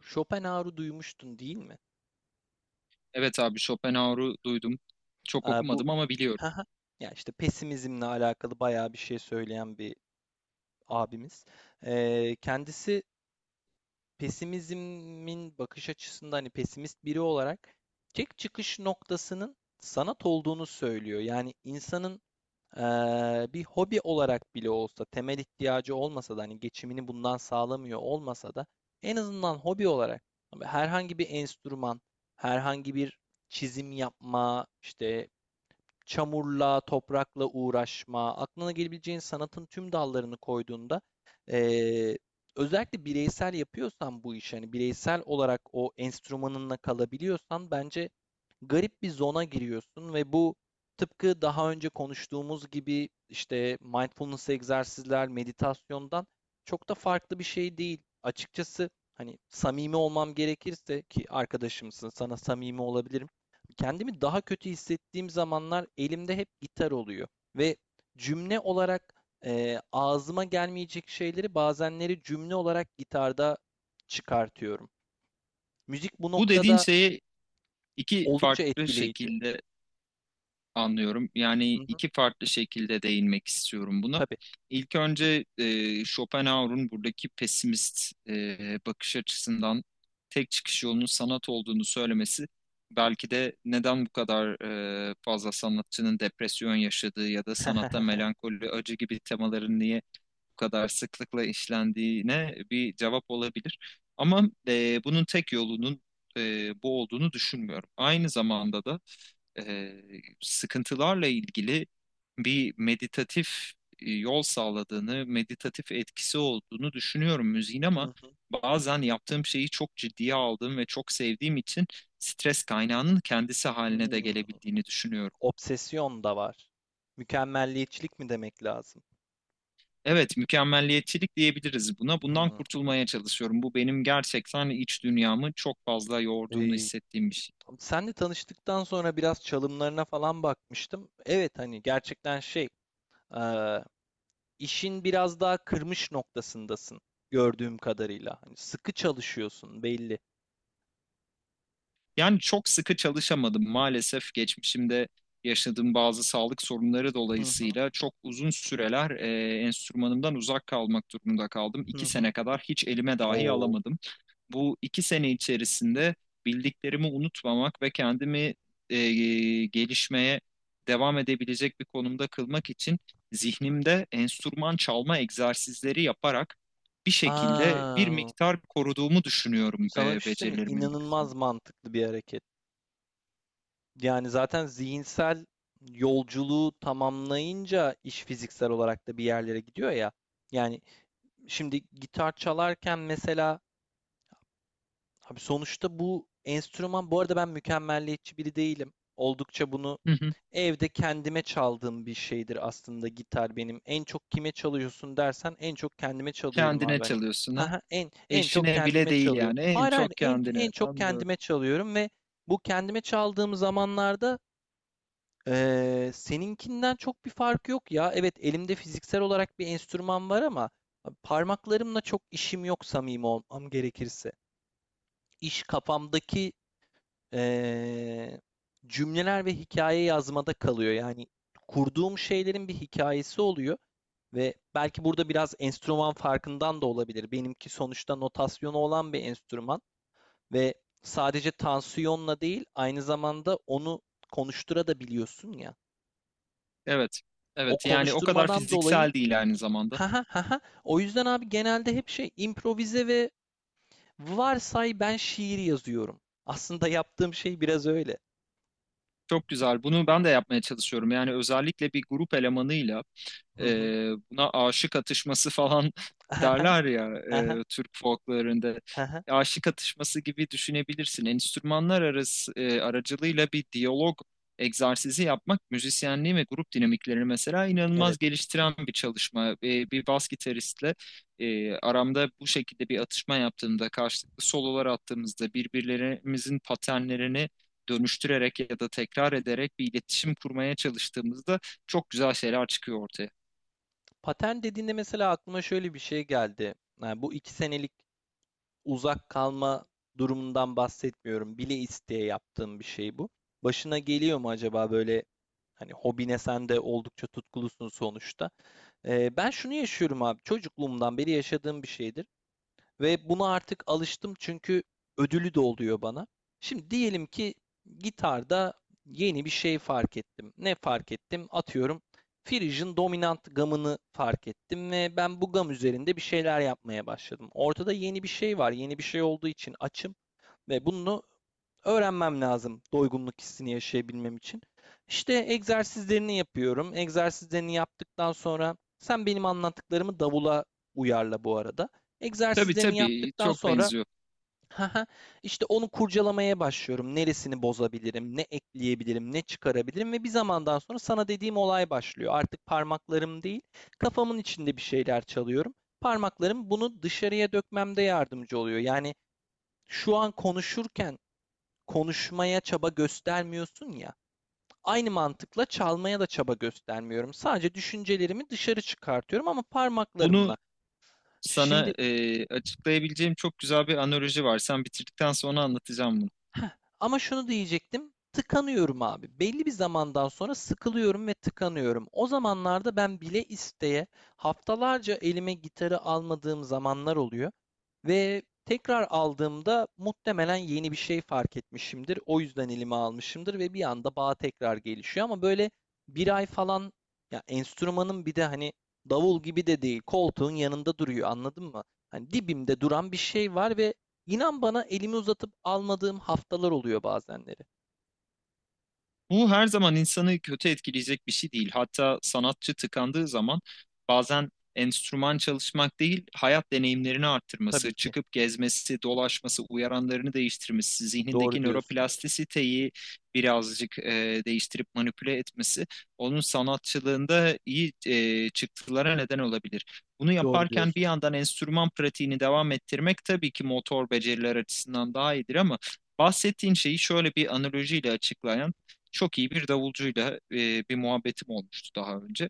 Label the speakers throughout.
Speaker 1: Schopenhauer'u duymuştun değil mi?
Speaker 2: Evet abi Schopenhauer'u duydum. Çok
Speaker 1: Aa, bu
Speaker 2: okumadım ama biliyorum.
Speaker 1: haha. Ya işte pesimizmle alakalı bayağı bir şey söyleyen bir abimiz. Kendisi pesimizmin bakış açısında hani pesimist biri olarak tek çıkış noktasının sanat olduğunu söylüyor. Yani insanın bir hobi olarak bile olsa temel ihtiyacı olmasa da hani geçimini bundan sağlamıyor olmasa da en azından hobi olarak herhangi bir enstrüman, herhangi bir çizim yapma, işte çamurla, toprakla uğraşma, aklına gelebileceğin sanatın tüm dallarını koyduğunda eee, özellikle bireysel yapıyorsan bu işi, hani bireysel olarak o enstrümanınla kalabiliyorsan bence garip bir zona giriyorsun ve bu tıpkı daha önce konuştuğumuz gibi işte mindfulness egzersizler, meditasyondan çok da farklı bir şey değil. Açıkçası hani samimi olmam gerekirse ki arkadaşımsın, sana samimi olabilirim. Kendimi daha kötü hissettiğim zamanlar elimde hep gitar oluyor ve cümle olarak ağzıma gelmeyecek şeyleri bazenleri cümle olarak gitarda çıkartıyorum. Müzik bu
Speaker 2: Bu dediğin
Speaker 1: noktada
Speaker 2: şeyi iki
Speaker 1: oldukça
Speaker 2: farklı
Speaker 1: etkileyici.
Speaker 2: şekilde anlıyorum.
Speaker 1: Hı
Speaker 2: Yani
Speaker 1: hı,
Speaker 2: iki farklı şekilde değinmek istiyorum buna.
Speaker 1: tabii.
Speaker 2: İlk önce Schopenhauer'un buradaki pesimist bakış açısından tek çıkış yolunun sanat olduğunu söylemesi belki de neden bu kadar fazla sanatçının depresyon yaşadığı ya da sanatta melankoli, acı gibi temaların niye bu kadar sıklıkla işlendiğine bir cevap olabilir. Ama bunun tek yolunun bu olduğunu düşünmüyorum. Aynı zamanda da e, sıkıntılarla ilgili bir meditatif yol sağladığını, meditatif etkisi olduğunu düşünüyorum müziğin
Speaker 1: Hı
Speaker 2: ama
Speaker 1: hı.
Speaker 2: bazen yaptığım şeyi çok ciddiye aldığım ve çok sevdiğim için stres kaynağının kendisi haline de
Speaker 1: Hımm.
Speaker 2: gelebildiğini düşünüyorum.
Speaker 1: Obsesyon da var. Mükemmelliyetçilik mi demek lazım?
Speaker 2: Evet, mükemmelliyetçilik diyebiliriz buna. Bundan
Speaker 1: Hıı.
Speaker 2: kurtulmaya çalışıyorum. Bu benim gerçekten iç dünyamı çok fazla yorduğunu
Speaker 1: Eee,
Speaker 2: hissettiğim bir şey.
Speaker 1: seninle tanıştıktan sonra biraz çalımlarına falan bakmıştım. Evet, hani, gerçekten şey, işin biraz daha kırmış noktasındasın gördüğüm kadarıyla. Hani sıkı çalışıyorsun belli.
Speaker 2: Yani çok sıkı çalışamadım maalesef geçmişimde yaşadığım bazı sağlık sorunları
Speaker 1: Hı hı
Speaker 2: dolayısıyla çok uzun süreler enstrümanımdan uzak kalmak durumunda kaldım.
Speaker 1: hı
Speaker 2: İki
Speaker 1: hı.
Speaker 2: sene kadar hiç elime dahi
Speaker 1: Oo.
Speaker 2: alamadım. Bu iki sene içerisinde bildiklerimi unutmamak ve kendimi e, gelişmeye devam edebilecek bir konumda kılmak için zihnimde enstrüman çalma egzersizleri yaparak bir şekilde bir
Speaker 1: Aa,
Speaker 2: miktar koruduğumu düşünüyorum
Speaker 1: sana bir şey söyleyeyim mi?
Speaker 2: becerilerimin bir kısmını.
Speaker 1: İnanılmaz mantıklı bir hareket. Yani zaten zihinsel yolculuğu tamamlayınca iş fiziksel olarak da bir yerlere gidiyor ya. Yani şimdi gitar çalarken mesela abi sonuçta bu enstrüman bu arada ben mükemmelliyetçi biri değilim. Oldukça bunu. Evde kendime çaldığım bir şeydir aslında gitar benim. En çok kime çalıyorsun dersen en çok kendime çalıyorum abi
Speaker 2: Kendine
Speaker 1: hani.
Speaker 2: çalıyorsun ha.
Speaker 1: Haha en çok
Speaker 2: Eşine bile
Speaker 1: kendime
Speaker 2: değil
Speaker 1: çalıyorum.
Speaker 2: yani. En
Speaker 1: Hayır hayır
Speaker 2: çok
Speaker 1: en
Speaker 2: kendine.
Speaker 1: en çok
Speaker 2: Anlıyorum.
Speaker 1: kendime çalıyorum ve bu kendime çaldığım zamanlarda seninkinden çok bir fark yok ya. Evet elimde fiziksel olarak bir enstrüman var ama parmaklarımla çok işim yok samimi olmam gerekirse. İş kafamdaki eee, cümleler ve hikaye yazmada kalıyor. Yani kurduğum şeylerin bir hikayesi oluyor ve belki burada biraz enstrüman farkından da olabilir. Benimki sonuçta notasyonu olan bir enstrüman ve sadece tansiyonla değil, aynı zamanda onu konuştura da biliyorsun ya.
Speaker 2: Evet.
Speaker 1: O
Speaker 2: Evet yani o kadar
Speaker 1: konuşturmadan dolayı
Speaker 2: fiziksel değil aynı zamanda.
Speaker 1: ha ha ha ha. O yüzden abi genelde hep şey improvize ve varsay ben şiir yazıyorum. Aslında yaptığım şey biraz öyle.
Speaker 2: Çok güzel. Bunu ben de yapmaya çalışıyorum. Yani özellikle bir grup elemanıyla
Speaker 1: Hı hı.
Speaker 2: Buna aşık atışması falan
Speaker 1: Aha,
Speaker 2: derler ya
Speaker 1: aha,
Speaker 2: Türk folklarında.
Speaker 1: aha.
Speaker 2: Aşık atışması gibi düşünebilirsin. Enstrümanlar arası aracılığıyla bir diyalog egzersizi yapmak müzisyenliği ve grup dinamiklerini mesela
Speaker 1: Evet.
Speaker 2: inanılmaz geliştiren bir çalışma. Bir bas gitaristle aramda bu şekilde bir atışma yaptığımda, karşılıklı sololar attığımızda birbirlerimizin paternlerini dönüştürerek ya da tekrar ederek bir iletişim kurmaya çalıştığımızda çok güzel şeyler çıkıyor ortaya.
Speaker 1: Patent dediğinde mesela aklıma şöyle bir şey geldi. Yani bu iki senelik uzak kalma durumundan bahsetmiyorum. Bile isteye yaptığım bir şey bu. Başına geliyor mu acaba böyle hani hobine sen de oldukça tutkulusun sonuçta. Ben şunu yaşıyorum abi. Çocukluğumdan beri yaşadığım bir şeydir. Ve buna artık alıştım çünkü ödülü de oluyor bana. Şimdi diyelim ki gitarda yeni bir şey fark ettim. Ne fark ettim? Atıyorum Phrygian dominant gamını fark ettim ve ben bu gam üzerinde bir şeyler yapmaya başladım. Ortada yeni bir şey var. Yeni bir şey olduğu için açım ve bunu öğrenmem lazım doygunluk hissini yaşayabilmem için. İşte egzersizlerini yapıyorum. Egzersizlerini yaptıktan sonra sen benim anlattıklarımı davula uyarla bu arada.
Speaker 2: Tabii
Speaker 1: Egzersizlerini
Speaker 2: tabii,
Speaker 1: yaptıktan
Speaker 2: çok
Speaker 1: sonra
Speaker 2: benziyor.
Speaker 1: işte onu kurcalamaya başlıyorum. Neresini bozabilirim, ne ekleyebilirim, ne çıkarabilirim ve bir zamandan sonra sana dediğim olay başlıyor. Artık parmaklarım değil, kafamın içinde bir şeyler çalıyorum. Parmaklarım bunu dışarıya dökmemde yardımcı oluyor. Yani şu an konuşurken konuşmaya çaba göstermiyorsun ya. Aynı mantıkla çalmaya da çaba göstermiyorum. Sadece düşüncelerimi dışarı çıkartıyorum ama
Speaker 2: Bunu
Speaker 1: parmaklarımla.
Speaker 2: sana
Speaker 1: Şimdi
Speaker 2: açıklayabileceğim çok güzel bir analoji var. Sen bitirdikten sonra anlatacağım bunu.
Speaker 1: Heh, ama şunu diyecektim. Tıkanıyorum abi. Belli bir zamandan sonra sıkılıyorum ve tıkanıyorum. O zamanlarda ben bile isteye haftalarca elime gitarı almadığım zamanlar oluyor ve tekrar aldığımda muhtemelen yeni bir şey fark etmişimdir. O yüzden elime almışımdır ve bir anda bağ tekrar gelişiyor ama böyle bir ay falan ya enstrümanın bir de hani davul gibi de değil koltuğun yanında duruyor anladın mı? Hani dibimde duran bir şey var ve İnan bana elimi uzatıp almadığım haftalar oluyor bazenleri.
Speaker 2: Bu her zaman insanı kötü etkileyecek bir şey değil. Hatta sanatçı tıkandığı zaman bazen enstrüman çalışmak değil, hayat deneyimlerini arttırması,
Speaker 1: Tabii ki.
Speaker 2: çıkıp gezmesi, dolaşması, uyaranlarını değiştirmesi,
Speaker 1: Doğru
Speaker 2: zihnindeki
Speaker 1: diyorsun.
Speaker 2: nöroplastisiteyi birazcık değiştirip manipüle etmesi, onun sanatçılığında iyi çıktılara neden olabilir. Bunu
Speaker 1: Doğru
Speaker 2: yaparken bir
Speaker 1: diyorsun.
Speaker 2: yandan enstrüman pratiğini devam ettirmek tabii ki motor beceriler açısından daha iyidir ama bahsettiğin şeyi şöyle bir analojiyle açıklayan çok iyi bir davulcuyla bir muhabbetim olmuştu daha önce.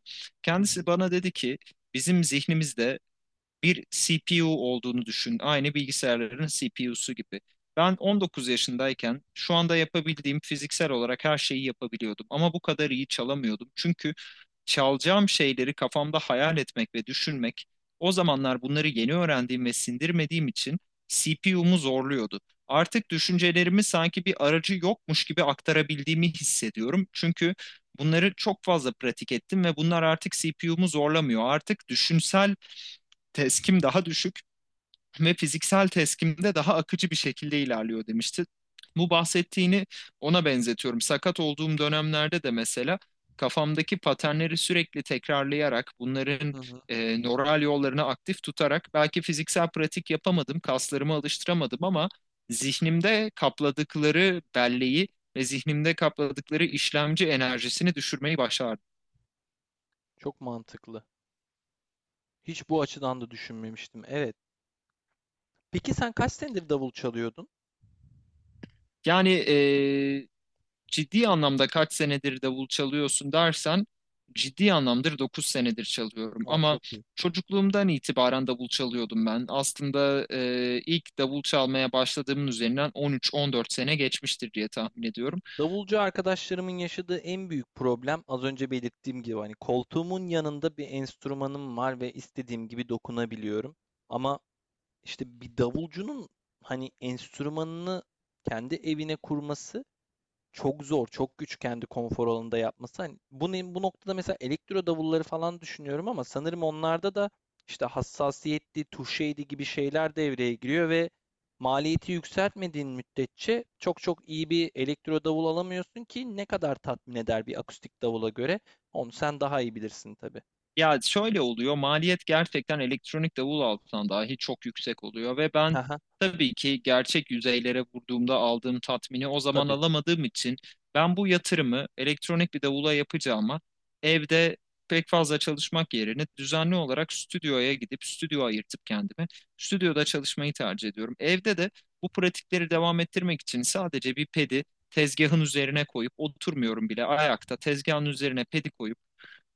Speaker 1: Hı hı.
Speaker 2: Kendisi bana dedi ki bizim zihnimizde bir CPU olduğunu düşün. Aynı bilgisayarların CPU'su gibi. Ben 19 yaşındayken şu anda yapabildiğim fiziksel olarak her şeyi yapabiliyordum ama bu kadar iyi çalamıyordum. Çünkü çalacağım şeyleri kafamda hayal etmek ve düşünmek o zamanlar bunları yeni öğrendiğim ve sindirmediğim için CPU'mu zorluyordu. Artık düşüncelerimi sanki bir aracı yokmuş gibi aktarabildiğimi hissediyorum. Çünkü bunları çok fazla pratik ettim ve bunlar artık CPU'mu zorlamıyor. Artık düşünsel teskim daha düşük ve fiziksel teskimde daha akıcı bir şekilde ilerliyor demişti. Bu bahsettiğini ona benzetiyorum. Sakat olduğum dönemlerde de mesela kafamdaki paternleri sürekli tekrarlayarak
Speaker 1: Hı
Speaker 2: bunların
Speaker 1: hı.
Speaker 2: nöral yollarını aktif tutarak belki fiziksel pratik yapamadım, kaslarımı alıştıramadım ama zihnimde kapladıkları belleği ve zihnimde kapladıkları işlemci enerjisini düşürmeyi başardım.
Speaker 1: Çok mantıklı. Hiç bu açıdan da düşünmemiştim. Evet. Peki sen kaç senedir davul çalıyordun?
Speaker 2: Yani ciddi anlamda kaç senedir davul çalıyorsun dersen ciddi anlamdır 9 senedir çalıyorum
Speaker 1: O
Speaker 2: ama
Speaker 1: çok iyi.
Speaker 2: çocukluğumdan itibaren davul çalıyordum ben. Aslında ilk davul çalmaya başladığımın üzerinden 13-14 sene geçmiştir diye tahmin ediyorum.
Speaker 1: Davulcu arkadaşlarımın yaşadığı en büyük problem az önce belirttiğim gibi hani koltuğumun yanında bir enstrümanım var ve istediğim gibi dokunabiliyorum. Ama işte bir davulcunun hani enstrümanını kendi evine kurması çok zor, çok güç kendi konfor alanında yapması. Hani bunu, bu noktada mesela elektro davulları falan düşünüyorum ama sanırım onlarda da işte hassasiyetli tuşeydi gibi şeyler devreye giriyor ve maliyeti yükseltmediğin müddetçe çok çok iyi bir elektro davul alamıyorsun ki ne kadar tatmin eder bir akustik davula göre. Onu sen daha iyi bilirsin tabii.
Speaker 2: Ya şöyle oluyor, maliyet gerçekten elektronik davul altından dahi çok yüksek oluyor ve ben
Speaker 1: Aha,
Speaker 2: tabii ki gerçek yüzeylere vurduğumda aldığım tatmini o zaman
Speaker 1: tabii.
Speaker 2: alamadığım için ben bu yatırımı elektronik bir davula yapacağıma evde pek fazla çalışmak yerine düzenli olarak stüdyoya gidip stüdyo ayırtıp kendime stüdyoda çalışmayı tercih ediyorum. Evde de bu pratikleri devam ettirmek için sadece bir pedi tezgahın üzerine koyup oturmuyorum, bile ayakta tezgahın üzerine pedi koyup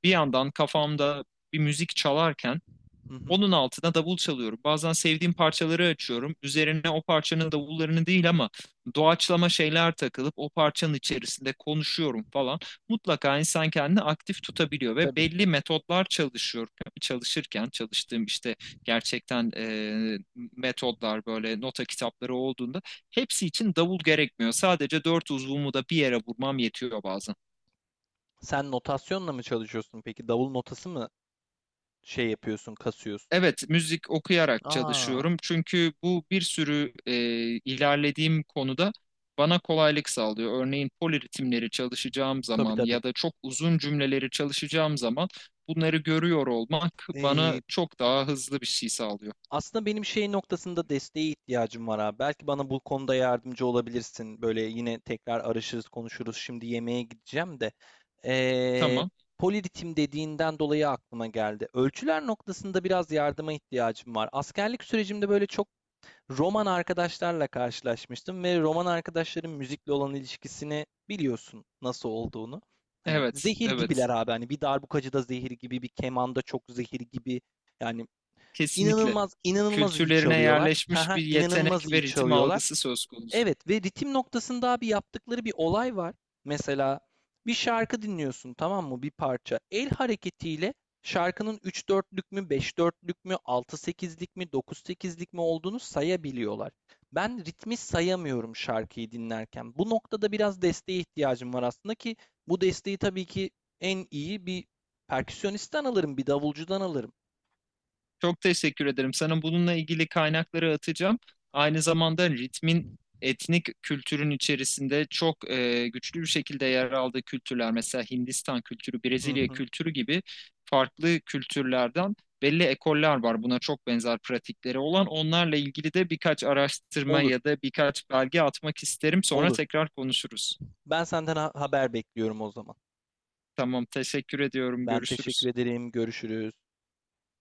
Speaker 2: bir yandan kafamda bir müzik çalarken
Speaker 1: Hı hı,
Speaker 2: onun altına davul çalıyorum. Bazen sevdiğim parçaları açıyorum. Üzerine o parçanın davullarını değil ama doğaçlama şeyler takılıp o parçanın içerisinde konuşuyorum falan. Mutlaka insan kendini aktif tutabiliyor ve
Speaker 1: tabii ki.
Speaker 2: belli metotlar çalışıyor, çalışırken çalıştığım işte gerçekten metodlar böyle nota kitapları olduğunda hepsi için davul gerekmiyor. Sadece dört uzvumu da bir yere vurmam yetiyor bazen.
Speaker 1: Sen notasyonla mı çalışıyorsun peki? Davul notası mı şey yapıyorsun, kasıyorsun?
Speaker 2: Evet, müzik okuyarak
Speaker 1: Aa,
Speaker 2: çalışıyorum. Çünkü bu bir sürü ilerlediğim konuda bana kolaylık sağlıyor. Örneğin poliritimleri çalışacağım zaman
Speaker 1: tabii
Speaker 2: ya da çok uzun cümleleri çalışacağım zaman bunları görüyor olmak bana
Speaker 1: tabii.
Speaker 2: çok daha hızlı bir şey sağlıyor.
Speaker 1: Aslında benim şey noktasında desteğe ihtiyacım var abi. Belki bana bu konuda yardımcı olabilirsin. Böyle yine tekrar arışırız, konuşuruz. Şimdi yemeğe gideceğim de. Ee,
Speaker 2: Tamam.
Speaker 1: poliritim dediğinden dolayı aklıma geldi. Ölçüler noktasında biraz yardıma ihtiyacım var. Askerlik sürecimde böyle çok roman arkadaşlarla karşılaşmıştım ve roman arkadaşların müzikle olan ilişkisini biliyorsun nasıl olduğunu. Hani
Speaker 2: Evet,
Speaker 1: zehir
Speaker 2: evet.
Speaker 1: gibiler abi. Hani bir darbukacı da zehir gibi, bir kemanda çok zehir gibi. Yani.
Speaker 2: Kesinlikle.
Speaker 1: İnanılmaz inanılmaz iyi
Speaker 2: Kültürlerine
Speaker 1: çalıyorlar.
Speaker 2: yerleşmiş
Speaker 1: Haha,
Speaker 2: bir yetenek
Speaker 1: inanılmaz iyi
Speaker 2: ve ritim
Speaker 1: çalıyorlar.
Speaker 2: algısı söz konusu.
Speaker 1: Evet ve ritim noktasında abi yaptıkları bir olay var. Mesela bir şarkı dinliyorsun tamam mı? Bir parça. El hareketiyle şarkının 3-4'lük mü, 5-4'lük mü, 6-8'lik mi, 9-8'lik mi olduğunu sayabiliyorlar. Ben ritmi sayamıyorum şarkıyı dinlerken. Bu noktada biraz desteğe ihtiyacım var aslında ki bu desteği tabii ki en iyi bir perküsyonistten alırım, bir davulcudan alırım.
Speaker 2: Çok teşekkür ederim. Sana bununla ilgili kaynakları atacağım. Aynı zamanda ritmin etnik kültürün içerisinde çok güçlü bir şekilde yer aldığı kültürler, mesela Hindistan kültürü,
Speaker 1: Hı
Speaker 2: Brezilya
Speaker 1: hı.
Speaker 2: kültürü gibi farklı kültürlerden belli ekoller var. Buna çok benzer pratikleri olan. Onlarla ilgili de birkaç araştırma
Speaker 1: Olur,
Speaker 2: ya da birkaç belge atmak isterim. Sonra
Speaker 1: olur.
Speaker 2: tekrar konuşuruz.
Speaker 1: Ben senden haber bekliyorum o zaman.
Speaker 2: Tamam, teşekkür ediyorum.
Speaker 1: Ben teşekkür
Speaker 2: Görüşürüz.
Speaker 1: ederim. Görüşürüz.